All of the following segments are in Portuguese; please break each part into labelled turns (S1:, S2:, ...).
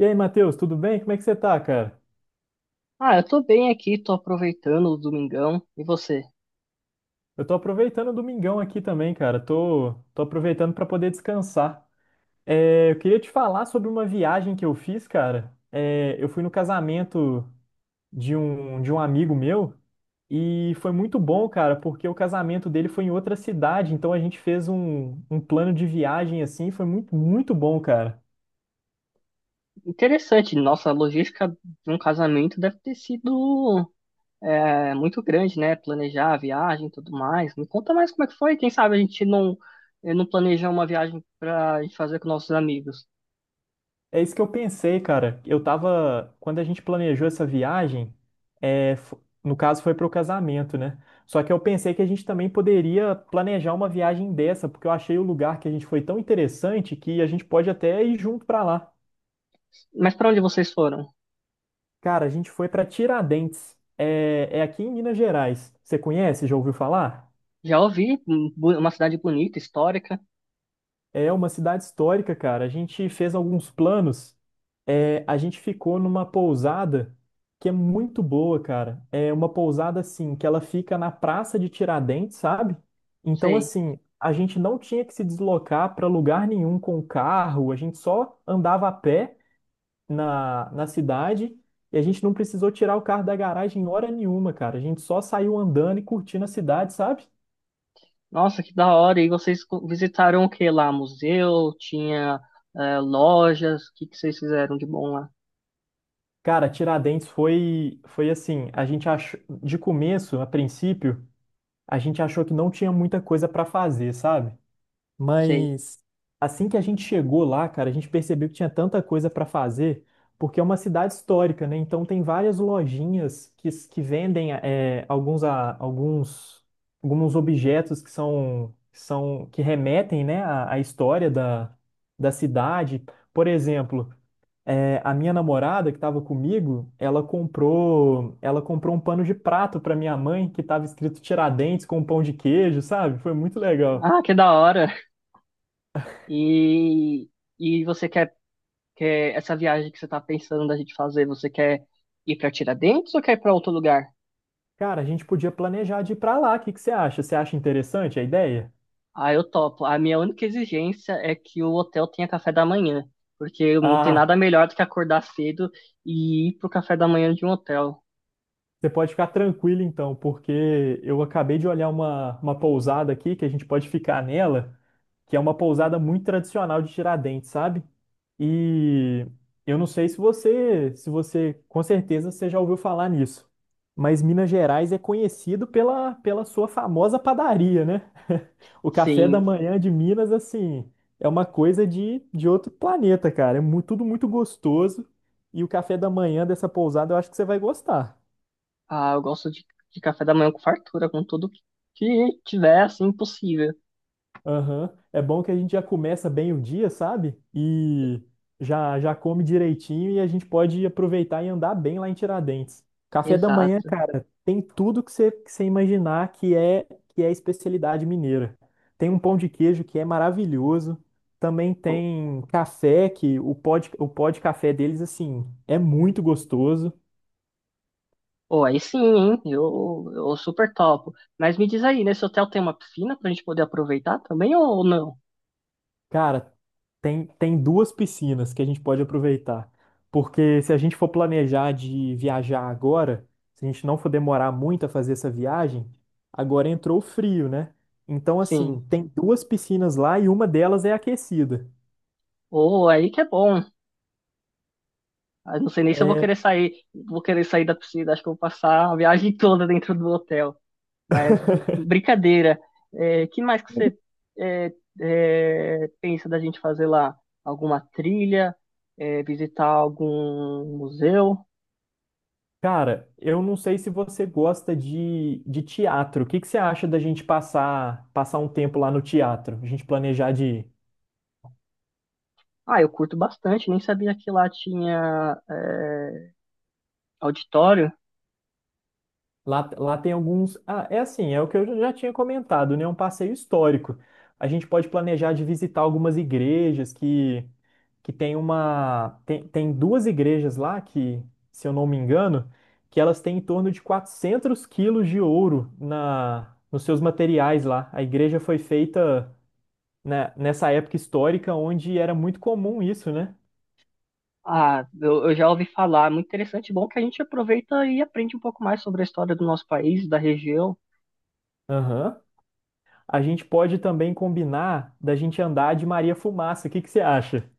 S1: E aí, Matheus, tudo bem? Como é que você tá, cara?
S2: Ah, eu tô bem aqui, tô aproveitando o domingão. E você?
S1: Eu tô aproveitando o domingão aqui também, cara. Tô aproveitando pra poder descansar. Eu queria te falar sobre uma viagem que eu fiz, cara. Eu fui no casamento de um amigo meu e foi muito bom, cara, porque o casamento dele foi em outra cidade, então a gente fez um plano de viagem assim, foi muito bom, cara.
S2: Interessante, nossa, a logística de um casamento deve ter sido muito grande, né? Planejar a viagem e tudo mais. Me conta mais como é que foi. Quem sabe a gente não planeja uma viagem pra gente fazer com nossos amigos.
S1: É isso que eu pensei, cara. Eu tava. Quando a gente planejou essa viagem, no caso foi para o casamento, né? Só que eu pensei que a gente também poderia planejar uma viagem dessa, porque eu achei o lugar que a gente foi tão interessante que a gente pode até ir junto para lá.
S2: Mas pra onde vocês foram?
S1: Cara, a gente foi para Tiradentes. É, é aqui em Minas Gerais. Você conhece? Já ouviu falar?
S2: Já ouvi, um, uma cidade bonita, histórica.
S1: É uma cidade histórica, cara. A gente fez alguns planos. A gente ficou numa pousada que é muito boa, cara. É uma pousada assim, que ela fica na Praça de Tiradentes, sabe? Então,
S2: Sei.
S1: assim, a gente não tinha que se deslocar para lugar nenhum com o carro, a gente só andava a pé na cidade e a gente não precisou tirar o carro da garagem em hora nenhuma, cara. A gente só saiu andando e curtindo a cidade, sabe?
S2: Nossa, que da hora. E vocês visitaram o que lá? Museu? Tinha lojas? O que que vocês fizeram de bom lá?
S1: Cara, Tiradentes foi assim, a gente achou, de começo, a princípio, a gente achou que não tinha muita coisa pra fazer, sabe?
S2: Sei.
S1: Mas assim que a gente chegou lá, cara, a gente percebeu que tinha tanta coisa pra fazer, porque é uma cidade histórica, né? Então tem várias lojinhas que vendem alguns, alguns, alguns objetos que remetem, né, à história da cidade. Por exemplo, a minha namorada que estava comigo, ela comprou um pano de prato para minha mãe que estava escrito Tiradentes com pão de queijo, sabe? Foi muito legal.
S2: Ah, que da hora. E, e você quer, quer essa viagem que você tá pensando da gente fazer, você quer ir pra Tiradentes ou quer ir pra outro lugar?
S1: Cara, a gente podia planejar de ir para lá. O que que você acha? Você acha interessante a ideia?
S2: Ah, eu topo. A minha única exigência é que o hotel tenha café da manhã, porque não tem
S1: Ah,
S2: nada melhor do que acordar cedo e ir pro café da manhã de um hotel.
S1: você pode ficar tranquilo então, porque eu acabei de olhar uma pousada aqui que a gente pode ficar nela, que é uma pousada muito tradicional de Tiradentes, sabe? E eu não sei se você, se você, com certeza você já ouviu falar nisso, mas Minas Gerais é conhecido pela sua famosa padaria, né? O café da
S2: Sim,
S1: manhã de Minas, assim, é uma coisa de outro planeta, cara. Tudo muito gostoso e o café da manhã dessa pousada eu acho que você vai gostar.
S2: ah, eu gosto de café da manhã com fartura, com tudo que tiver, assim, possível.
S1: Aham. É bom que a gente já começa bem o dia, sabe? E já já come direitinho e a gente pode aproveitar e andar bem lá em Tiradentes. Café da manhã,
S2: Exato.
S1: cara, tem tudo que você imaginar que é especialidade mineira. Tem um pão de queijo que é maravilhoso. Também tem café que o pó de café deles assim é muito gostoso.
S2: Pô, aí sim, hein? Eu super topo. Mas me diz aí, nesse hotel tem uma piscina pra gente poder aproveitar também ou não?
S1: Cara, tem duas piscinas que a gente pode aproveitar. Porque se a gente for planejar de viajar agora, se a gente não for demorar muito a fazer essa viagem, agora entrou o frio, né? Então, assim,
S2: Sim.
S1: tem duas piscinas lá e uma delas é aquecida.
S2: Ou aí que é bom. Ah, não sei nem se eu
S1: É,
S2: vou querer sair da piscina. Acho que eu vou passar a viagem toda dentro do hotel. Mas brincadeira. É, que mais que você é, pensa da gente fazer lá? Alguma trilha? É, visitar algum museu?
S1: cara, eu não sei se você gosta de teatro. O que que você acha da gente passar um tempo lá no teatro? A gente planejar de
S2: Ah, eu curto bastante. Nem sabia que lá tinha auditório.
S1: lá, lá tem alguns. Ah, é assim, é o que eu já tinha comentado, né? Um passeio histórico. A gente pode planejar de visitar algumas igrejas que tem uma. Tem duas igrejas lá que, se eu não me engano, que elas têm em torno de 400 quilos de ouro nos seus materiais lá. A igreja foi feita, né, nessa época histórica onde era muito comum isso, né?
S2: Ah, eu já ouvi falar, muito interessante, bom que a gente aproveita e aprende um pouco mais sobre a história do nosso país, da região.
S1: Aham. A gente pode também combinar da gente andar de Maria Fumaça. O que que você acha?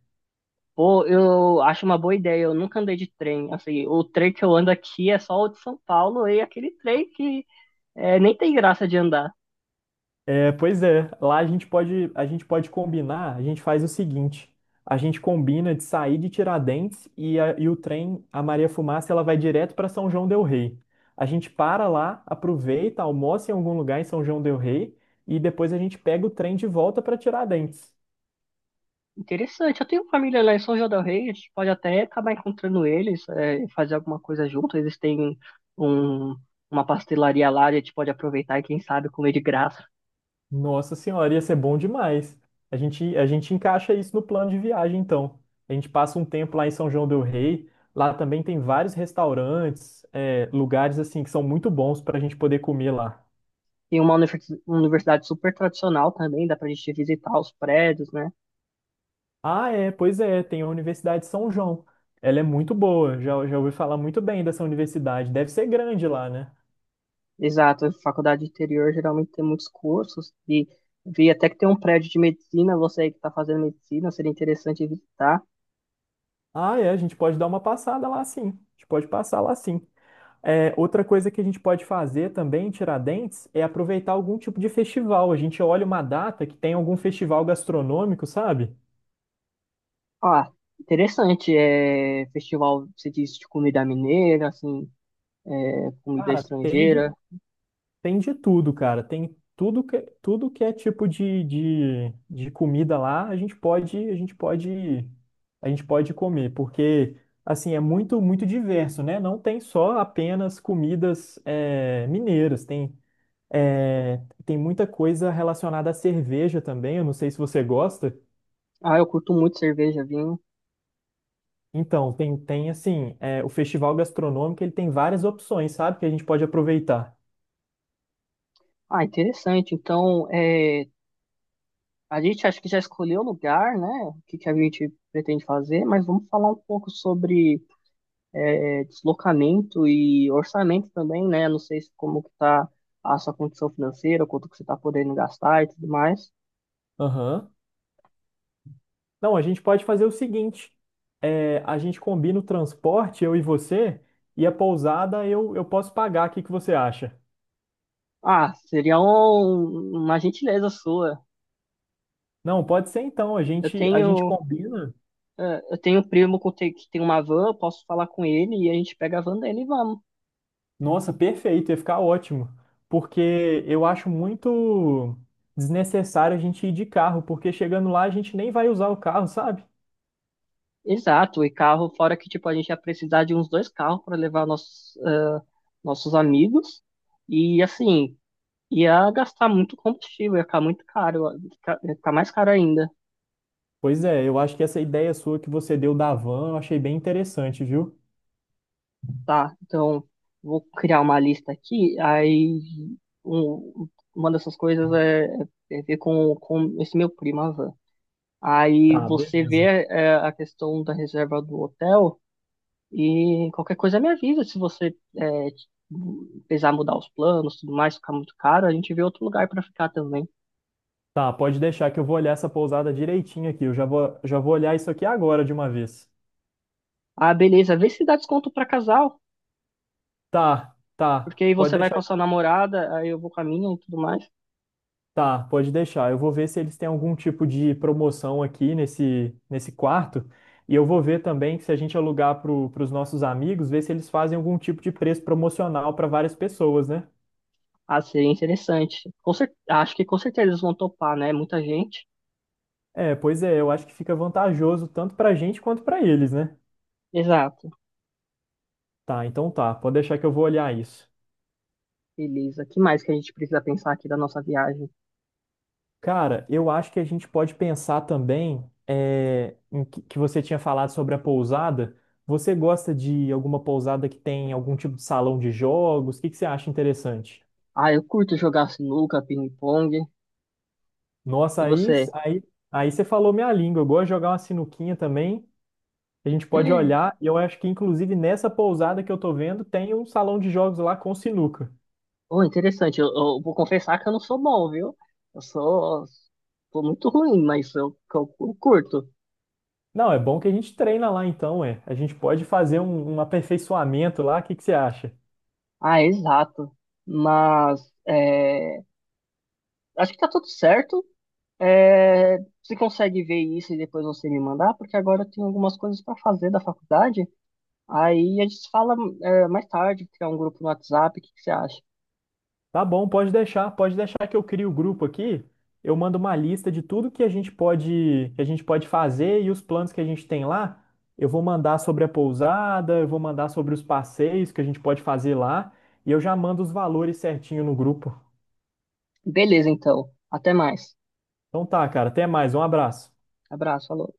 S2: Pô, eu acho uma boa ideia, eu nunca andei de trem, assim, o trem que eu ando aqui é só o de São Paulo e aquele trem que é, nem tem graça de andar.
S1: É, pois é, lá a gente pode combinar, a gente faz o seguinte, a gente combina de sair de Tiradentes e o trem, a Maria Fumaça, ela vai direto para São João del Rei. A gente para lá, aproveita, almoça em algum lugar em São João del Rei e depois a gente pega o trem de volta para Tiradentes.
S2: Interessante, eu tenho família lá em São João del Rei, a gente pode até acabar encontrando eles, é, e fazer alguma coisa junto, eles têm um, uma pastelaria lá, a gente pode aproveitar e quem sabe comer de graça.
S1: Nossa senhora, ia ser bom demais. A gente encaixa isso no plano de viagem, então. A gente passa um tempo lá em São João del Rei. Lá também tem vários restaurantes, lugares assim que são muito bons para a gente poder comer lá.
S2: Tem uma uma universidade super tradicional também, dá pra gente visitar os prédios, né?
S1: Ah, é, pois é, tem a Universidade de São João. Ela é muito boa, já ouvi falar muito bem dessa universidade. Deve ser grande lá, né?
S2: Exato, a faculdade interior geralmente tem muitos cursos e vi até que tem um prédio de medicina, você aí que tá fazendo medicina, seria interessante visitar.
S1: Ah, é, a gente pode dar uma passada lá sim. A gente pode passar lá sim. É, outra coisa que a gente pode fazer também em Tiradentes é aproveitar algum tipo de festival. A gente olha uma data que tem algum festival gastronômico, sabe?
S2: Ah, interessante, é festival, você disse, de comida mineira, assim, é, comida
S1: Cara, tem de,
S2: estrangeira.
S1: tem de tudo, cara. Tem tudo tudo que é tipo de comida lá, a gente pode comer, porque assim é muito diverso, né? Não tem só apenas comidas mineiras, é, tem muita coisa relacionada à cerveja também. Eu não sei se você gosta.
S2: Ah, eu curto muito cerveja, vinho.
S1: Então, tem assim, é, o festival gastronômico, ele tem várias opções, sabe? Que a gente pode aproveitar.
S2: Ah, interessante. Então, é, a gente acho que já escolheu o lugar, né? O que que a gente pretende fazer, mas vamos falar um pouco sobre deslocamento e orçamento também, né? Não sei se como que tá a sua condição financeira, quanto que você tá podendo gastar e tudo mais.
S1: Aham. Não, a gente pode fazer o seguinte, a gente combina o transporte, eu e você, e a pousada eu posso pagar, o que que você acha?
S2: Ah, seria uma gentileza sua.
S1: Não, pode ser então,
S2: Eu
S1: a gente
S2: tenho,
S1: combina.
S2: eu tenho um primo que tem uma van, eu posso falar com ele e a gente pega a van dele e vamos.
S1: Nossa, perfeito, ia ficar ótimo. Porque eu acho muito desnecessário a gente ir de carro, porque chegando lá a gente nem vai usar o carro, sabe?
S2: Exato, e carro, fora que tipo a gente ia precisar de uns dois carros para levar nossos amigos. E assim, ia gastar muito combustível, ia ficar muito caro, ia ficar mais caro ainda.
S1: Pois é, eu acho que essa ideia sua que você deu da van, eu achei bem interessante, viu?
S2: Tá, então vou criar uma lista aqui, um- uma dessas coisas é, é ver com esse meu primo, a Van. Aí
S1: Tá,
S2: você
S1: beleza.
S2: vê é, a questão da reserva do hotel e qualquer coisa me avisa se você precisar mudar os planos, tudo mais, ficar muito caro, a gente vê outro lugar pra ficar também.
S1: Tá, pode deixar que eu vou olhar essa pousada direitinho aqui. Já vou olhar isso aqui agora de uma vez.
S2: Ah, beleza, vê se dá desconto pra casal,
S1: Tá, tá.
S2: porque aí
S1: Pode
S2: você vai com a
S1: deixar.
S2: sua namorada, aí eu vou com a minha e tudo mais.
S1: Tá, pode deixar. Eu vou ver se eles têm algum tipo de promoção aqui nesse quarto. E eu vou ver também se a gente alugar para os nossos amigos, ver se eles fazem algum tipo de preço promocional para várias pessoas, né?
S2: Ah, seria interessante. Com cer... Acho que com certeza eles vão topar, né? Muita gente.
S1: É, pois é, eu acho que fica vantajoso tanto para a gente quanto para eles, né?
S2: Exato.
S1: Tá, então tá. Pode deixar que eu vou olhar isso.
S2: Beleza. Que mais que a gente precisa pensar aqui da nossa viagem?
S1: Cara, eu acho que a gente pode pensar também que você tinha falado sobre a pousada. Você gosta de alguma pousada que tem algum tipo de salão de jogos? O que, que você acha interessante?
S2: Ah, eu curto jogar sinuca, ping-pong.
S1: Nossa,
S2: E
S1: aí,
S2: você?
S1: aí, aí você falou minha língua. Eu gosto de jogar uma sinuquinha também. A gente pode olhar. E eu acho que, inclusive, nessa pousada que eu tô vendo, tem um salão de jogos lá com sinuca.
S2: Oh, interessante. Eu vou confessar que eu não sou bom, viu? Eu sou, sou muito ruim, mas eu curto.
S1: Não, é bom que a gente treina lá então, é. A gente pode fazer um aperfeiçoamento lá. O que, que você acha?
S2: Ah, exato. Mas é, acho que tá tudo certo. É, você consegue ver isso e depois você me mandar? Porque agora eu tenho algumas coisas para fazer da faculdade. Aí a gente fala, é, mais tarde, criar um grupo no WhatsApp, o que que você acha?
S1: Tá bom, pode deixar que eu crio o grupo aqui. Eu mando uma lista de tudo que a gente pode fazer e os planos que a gente tem lá. Eu vou mandar sobre a pousada, eu vou mandar sobre os passeios que a gente pode fazer lá e eu já mando os valores certinho no grupo.
S2: Beleza, então. Até mais.
S1: Então tá, cara, até mais, um abraço.
S2: Abraço, falou.